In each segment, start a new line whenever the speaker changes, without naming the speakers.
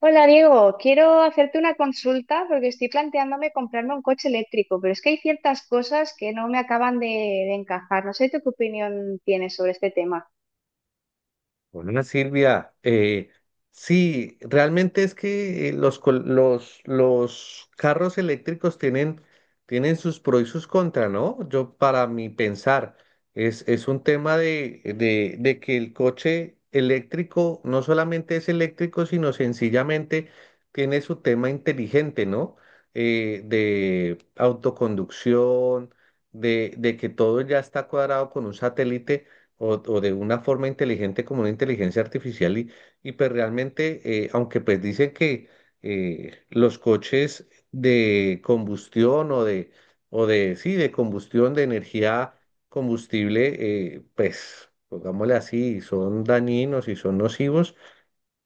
Hola Diego, quiero hacerte una consulta porque estoy planteándome comprarme un coche eléctrico, pero es que hay ciertas cosas que no me acaban de encajar. No sé tú qué opinión tienes sobre este tema.
Bueno, Silvia, sí, realmente es que los carros eléctricos tienen sus pros y sus contras, ¿no? Yo, para mi pensar, es un tema de, de que el coche eléctrico no solamente es eléctrico, sino sencillamente tiene su tema inteligente, ¿no? De autoconducción, de que todo ya está cuadrado con un satélite o de una forma inteligente como una inteligencia artificial y pues realmente, aunque pues dicen que los coches de combustión o de, sí, de combustión, de energía combustible, pues pongámosle así, son dañinos y son nocivos,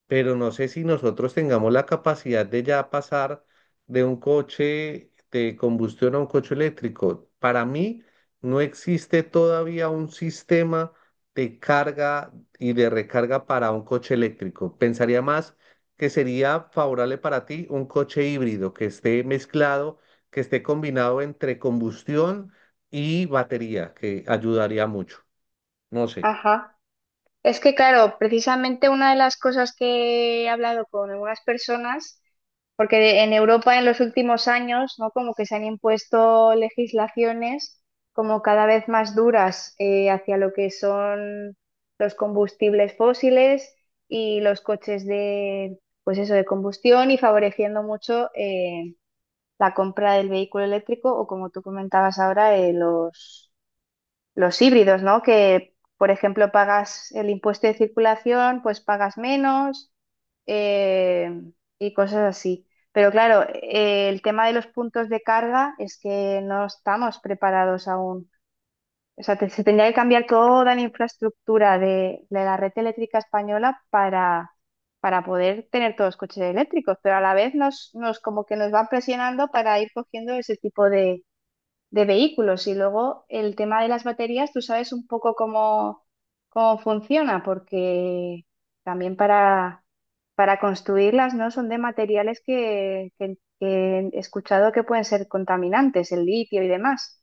pero no sé si nosotros tengamos la capacidad de ya pasar de un coche de combustión a un coche eléctrico. Para mí no existe todavía un sistema de carga y de recarga para un coche eléctrico. Pensaría más que sería favorable para ti un coche híbrido que esté mezclado, que esté combinado entre combustión y batería, que ayudaría mucho. No sé.
Ajá. Es que claro, precisamente una de las cosas que he hablado con algunas personas, porque en Europa en los últimos años, ¿no? Como que se han impuesto legislaciones como cada vez más duras hacia lo que son los combustibles fósiles y los coches de, pues eso, de combustión y favoreciendo mucho, la compra del vehículo eléctrico o como tú comentabas ahora, los híbridos, ¿no? Que, por ejemplo, pagas el impuesto de circulación, pues pagas menos, eh, y cosas así. Pero claro, el tema de los puntos de carga es que no estamos preparados aún. O sea, se tendría que cambiar toda la infraestructura de la red eléctrica española para poder tener todos los coches eléctricos, pero a la vez nos como que nos van presionando para ir cogiendo ese tipo de vehículos. Y luego el tema de las baterías, tú sabes un poco cómo, cómo funciona, porque también para construirlas, ¿no? Son de materiales que he escuchado que pueden ser contaminantes, el litio y demás.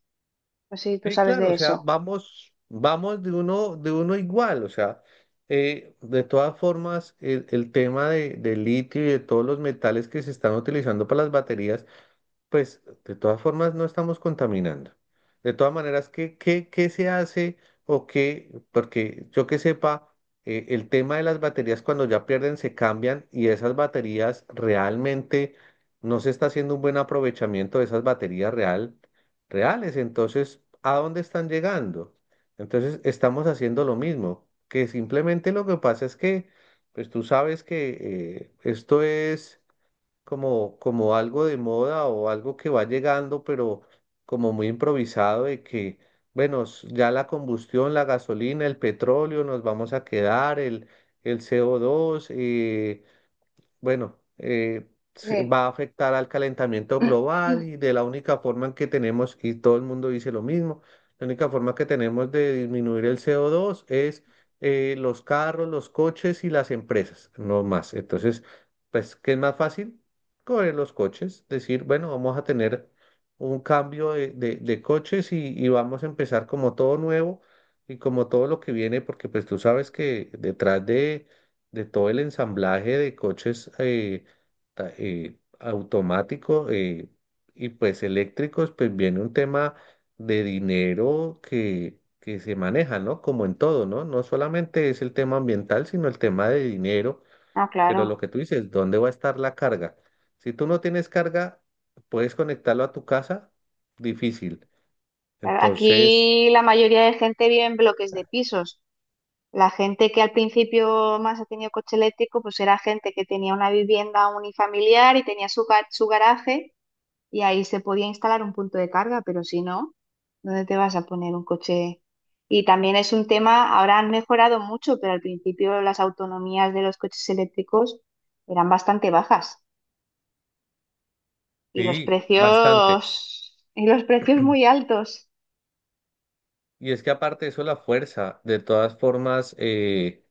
No sé si tú
Sí,
sabes
claro, o
de
sea,
eso.
vamos de uno igual, o sea, de todas formas, el tema de, del litio y de todos los metales que se están utilizando para las baterías. Pues de todas formas no estamos contaminando. De todas maneras, ¿qué se hace o qué? Porque yo que sepa, el tema de las baterías cuando ya pierden se cambian y esas baterías realmente no se está haciendo un buen aprovechamiento de esas reales. Entonces, ¿a dónde están llegando? Entonces, estamos haciendo lo mismo, que simplemente lo que pasa es que, pues tú sabes que esto es como algo de moda o algo que va llegando, pero como muy improvisado de que, bueno, ya la combustión, la gasolina, el petróleo, nos vamos a quedar, el CO2, bueno, se
Sí.
va a afectar al calentamiento global y de la única forma en que tenemos, y todo el mundo dice lo mismo, la única forma que tenemos de disminuir el CO2 es los carros, los coches y las empresas, no más. Entonces, pues, ¿qué es más fácil? Coger los coches, decir, bueno, vamos a tener un cambio de, de coches y vamos a empezar como todo nuevo y como todo lo que viene, porque pues tú sabes que detrás de todo el ensamblaje de coches automáticos y pues eléctricos, pues viene un tema de dinero que se maneja, ¿no? Como en todo, ¿no? No solamente es el tema ambiental, sino el tema de dinero,
Ah,
pero
claro.
lo que tú dices, ¿dónde va a estar la carga? Si tú no tienes carga, ¿puedes conectarlo a tu casa? Difícil.
Claro,
Entonces,
aquí la mayoría de gente vive en bloques de pisos. La gente que al principio más ha tenido coche eléctrico, pues era gente que tenía una vivienda unifamiliar y tenía su, su garaje y ahí se podía instalar un punto de carga, pero si no, ¿dónde te vas a poner un coche? Y también es un tema, ahora han mejorado mucho, pero al principio las autonomías de los coches eléctricos eran bastante bajas
sí, bastante.
y los precios muy altos.
Y es que aparte de eso, la fuerza, de todas formas,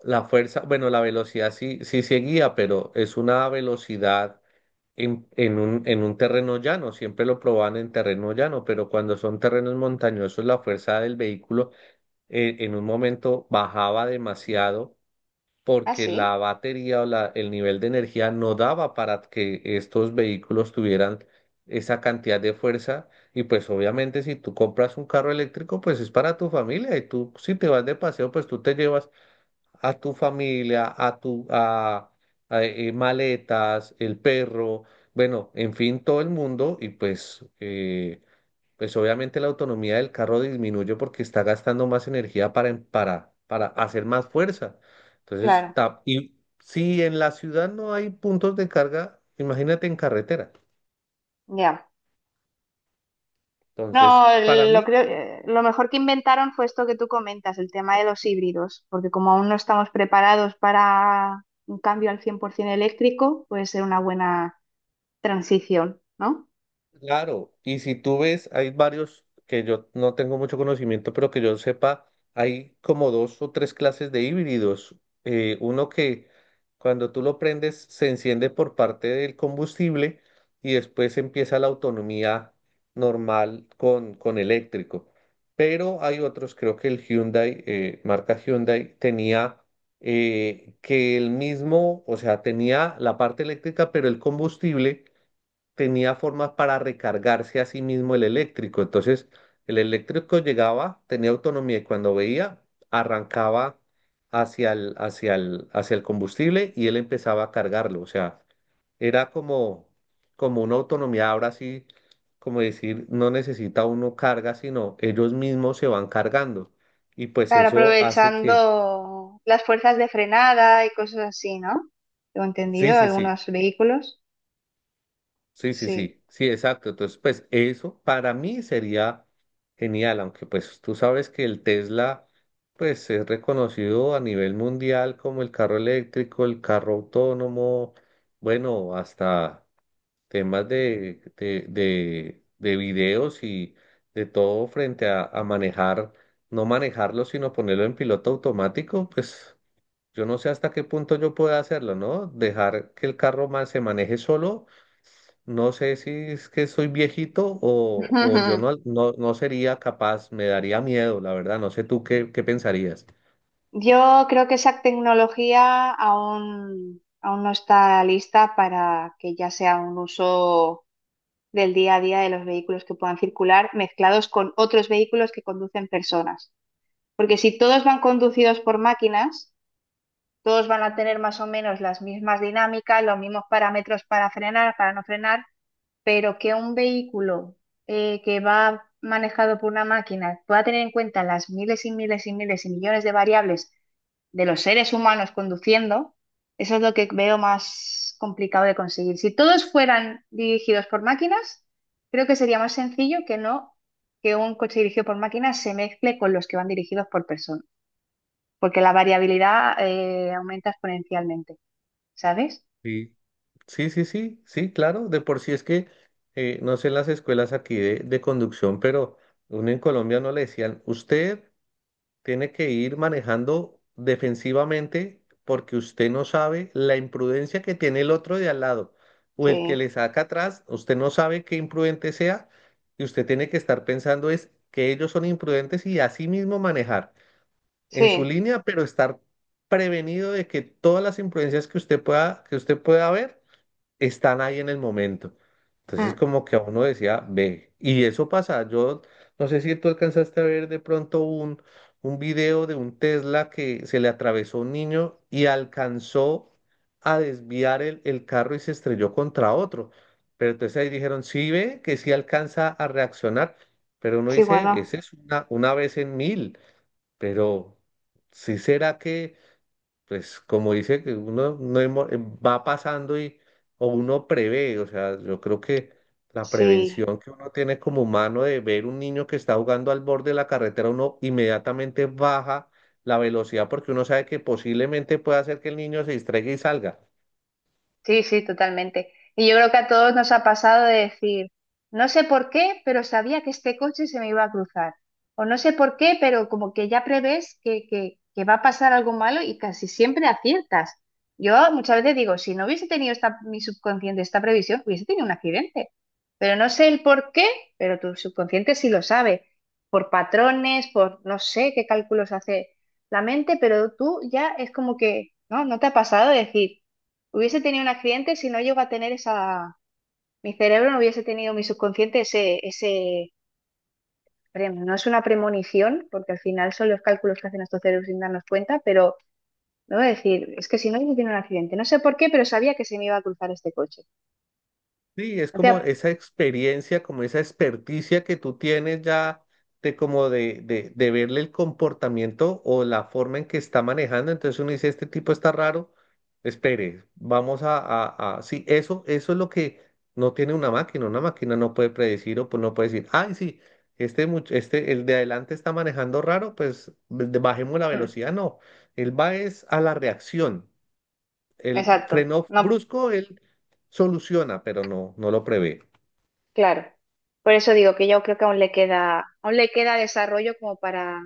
la fuerza, bueno, la velocidad sí, sí seguía, pero es una velocidad en un terreno llano. Siempre lo probaban en terreno llano, pero cuando son terrenos montañosos, la fuerza del vehículo en un momento bajaba demasiado
Ah,
porque
sí,
la batería o el nivel de energía no daba para que estos vehículos tuvieran esa cantidad de fuerza. Y pues obviamente si tú compras un carro eléctrico, pues es para tu familia y tú si te vas de paseo, pues tú te llevas a tu familia, a maletas, el perro, bueno, en fin, todo el mundo y pues pues obviamente la autonomía del carro disminuye porque está gastando más energía para hacer más fuerza. Entonces,
claro,
y si en la ciudad no hay puntos de carga, imagínate en carretera.
ya. No,
Entonces, para
lo
mí...
creo, lo mejor que inventaron fue esto que tú comentas, el tema de los híbridos, porque como aún no estamos preparados para un cambio al 100% eléctrico, puede ser una buena transición, ¿no?
Claro, y si tú ves, hay varios que yo no tengo mucho conocimiento, pero que yo sepa, hay como dos o tres clases de híbridos. Uno que cuando tú lo prendes se enciende por parte del combustible y después empieza la autonomía normal con eléctrico. Pero hay otros, creo que el Hyundai, marca Hyundai, tenía que el mismo, o sea, tenía la parte eléctrica, pero el combustible tenía formas para recargarse a sí mismo el eléctrico. Entonces, el eléctrico llegaba, tenía autonomía y cuando veía, arrancaba hacia el, hacia el combustible y él empezaba a cargarlo. O sea, era como, como una autonomía, ahora sí, como decir, no necesita uno carga, sino ellos mismos se van cargando. Y pues
Claro,
eso hace que,
aprovechando las fuerzas de frenada y cosas así, ¿no? Tengo
sí,
entendido,
sí, sí.
algunos vehículos,
Sí, sí,
sí.
sí, sí, exacto. Entonces, pues eso para mí sería genial, aunque pues tú sabes que el Tesla pues es reconocido a nivel mundial como el carro eléctrico, el carro autónomo, bueno, hasta temas de videos y de todo frente a manejar, no manejarlo, sino ponerlo en piloto automático, pues yo no sé hasta qué punto yo pueda hacerlo, ¿no? Dejar que el carro se maneje solo. No sé si es que soy viejito o yo no sería capaz, me daría miedo, la verdad. No sé tú qué, qué pensarías.
Yo creo que esa tecnología aún no está lista para que ya sea un uso del día a día de los vehículos que puedan circular mezclados con otros vehículos que conducen personas. Porque si todos van conducidos por máquinas, todos van a tener más o menos las mismas dinámicas, los mismos parámetros para frenar, para no frenar, pero que un vehículo que va manejado por una máquina pueda tener en cuenta las miles y miles y miles y millones de variables de los seres humanos conduciendo, eso es lo que veo más complicado de conseguir. Si todos fueran dirigidos por máquinas, creo que sería más sencillo que no que un coche dirigido por máquinas se mezcle con los que van dirigidos por personas, porque la variabilidad aumenta exponencialmente, ¿sabes?
Sí, sí, sí, sí, sí, claro. De por sí es que, no sé en las escuelas aquí de conducción, pero uno en Colombia no le decían, usted tiene que ir manejando defensivamente porque usted no sabe la imprudencia que tiene el otro de al lado o el que
Sí,
le saca atrás, usted no sabe qué imprudente sea y usted tiene que estar pensando es que ellos son imprudentes y así mismo manejar en su
sí,
línea, pero estar prevenido de que todas las imprudencias que usted pueda ver están ahí en el momento. Entonces
mm,
como que a uno decía, ve, y eso pasa. Yo no sé si tú alcanzaste a ver de pronto un video de un Tesla que se le atravesó un niño y alcanzó a desviar el carro y se estrelló contra otro. Pero entonces ahí dijeron, sí ve, que sí alcanza a reaccionar. Pero uno
sí,
dice,
bueno,
ese es una vez en mil. Pero si será que pues como dice que uno no hemo- va pasando y o uno prevé, o sea, yo creo que la
sí.
prevención que uno tiene como humano de ver un niño que está jugando al borde de la carretera, uno inmediatamente baja la velocidad porque uno sabe que posiblemente puede hacer que el niño se distraiga y salga.
Sí, sí, totalmente. Y yo creo que a todos nos ha pasado de decir, no sé por qué, pero sabía que este coche se me iba a cruzar. O no sé por qué, pero como que ya prevés que va a pasar algo malo y casi siempre aciertas. Yo muchas veces digo, si no hubiese tenido esta, mi subconsciente esta previsión, hubiese tenido un accidente. Pero no sé el por qué, pero tu subconsciente sí lo sabe. Por patrones, por no sé qué cálculos hace la mente, pero tú ya es como que, ¿no? ¿No te ha pasado de decir? Hubiese tenido un accidente si no llego a tener esa... Mi cerebro no hubiese tenido mi subconsciente ese... rem. No es una premonición, porque al final son los cálculos que hacen nuestros cerebros sin darnos cuenta, pero no voy a decir, es que si no hubiese tenido un accidente, no sé por qué, pero sabía que se me iba a cruzar este coche.
Sí, es
No te
como
ha-
esa experiencia, como esa experticia que tú tienes ya de como de verle el comportamiento o la forma en que está manejando. Entonces uno dice, este tipo está raro, espere, vamos sí, eso es lo que no tiene una máquina. Una máquina no puede predecir o pues no puede decir, ay, sí, este, el de adelante está manejando raro, pues bajemos la
Mm,
velocidad. No, él va es a la reacción. El
exacto,
freno
no,
brusco, él soluciona, pero no, no lo prevé.
claro. Por eso digo que yo creo que aún le queda desarrollo como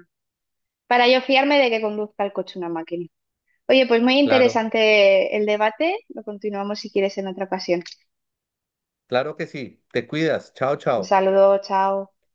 para yo fiarme de que conduzca el coche una máquina. Oye, pues muy
Claro,
interesante el debate. Lo continuamos si quieres en otra ocasión.
claro que sí. Te cuidas. Chao,
Un
chao.
saludo, chao.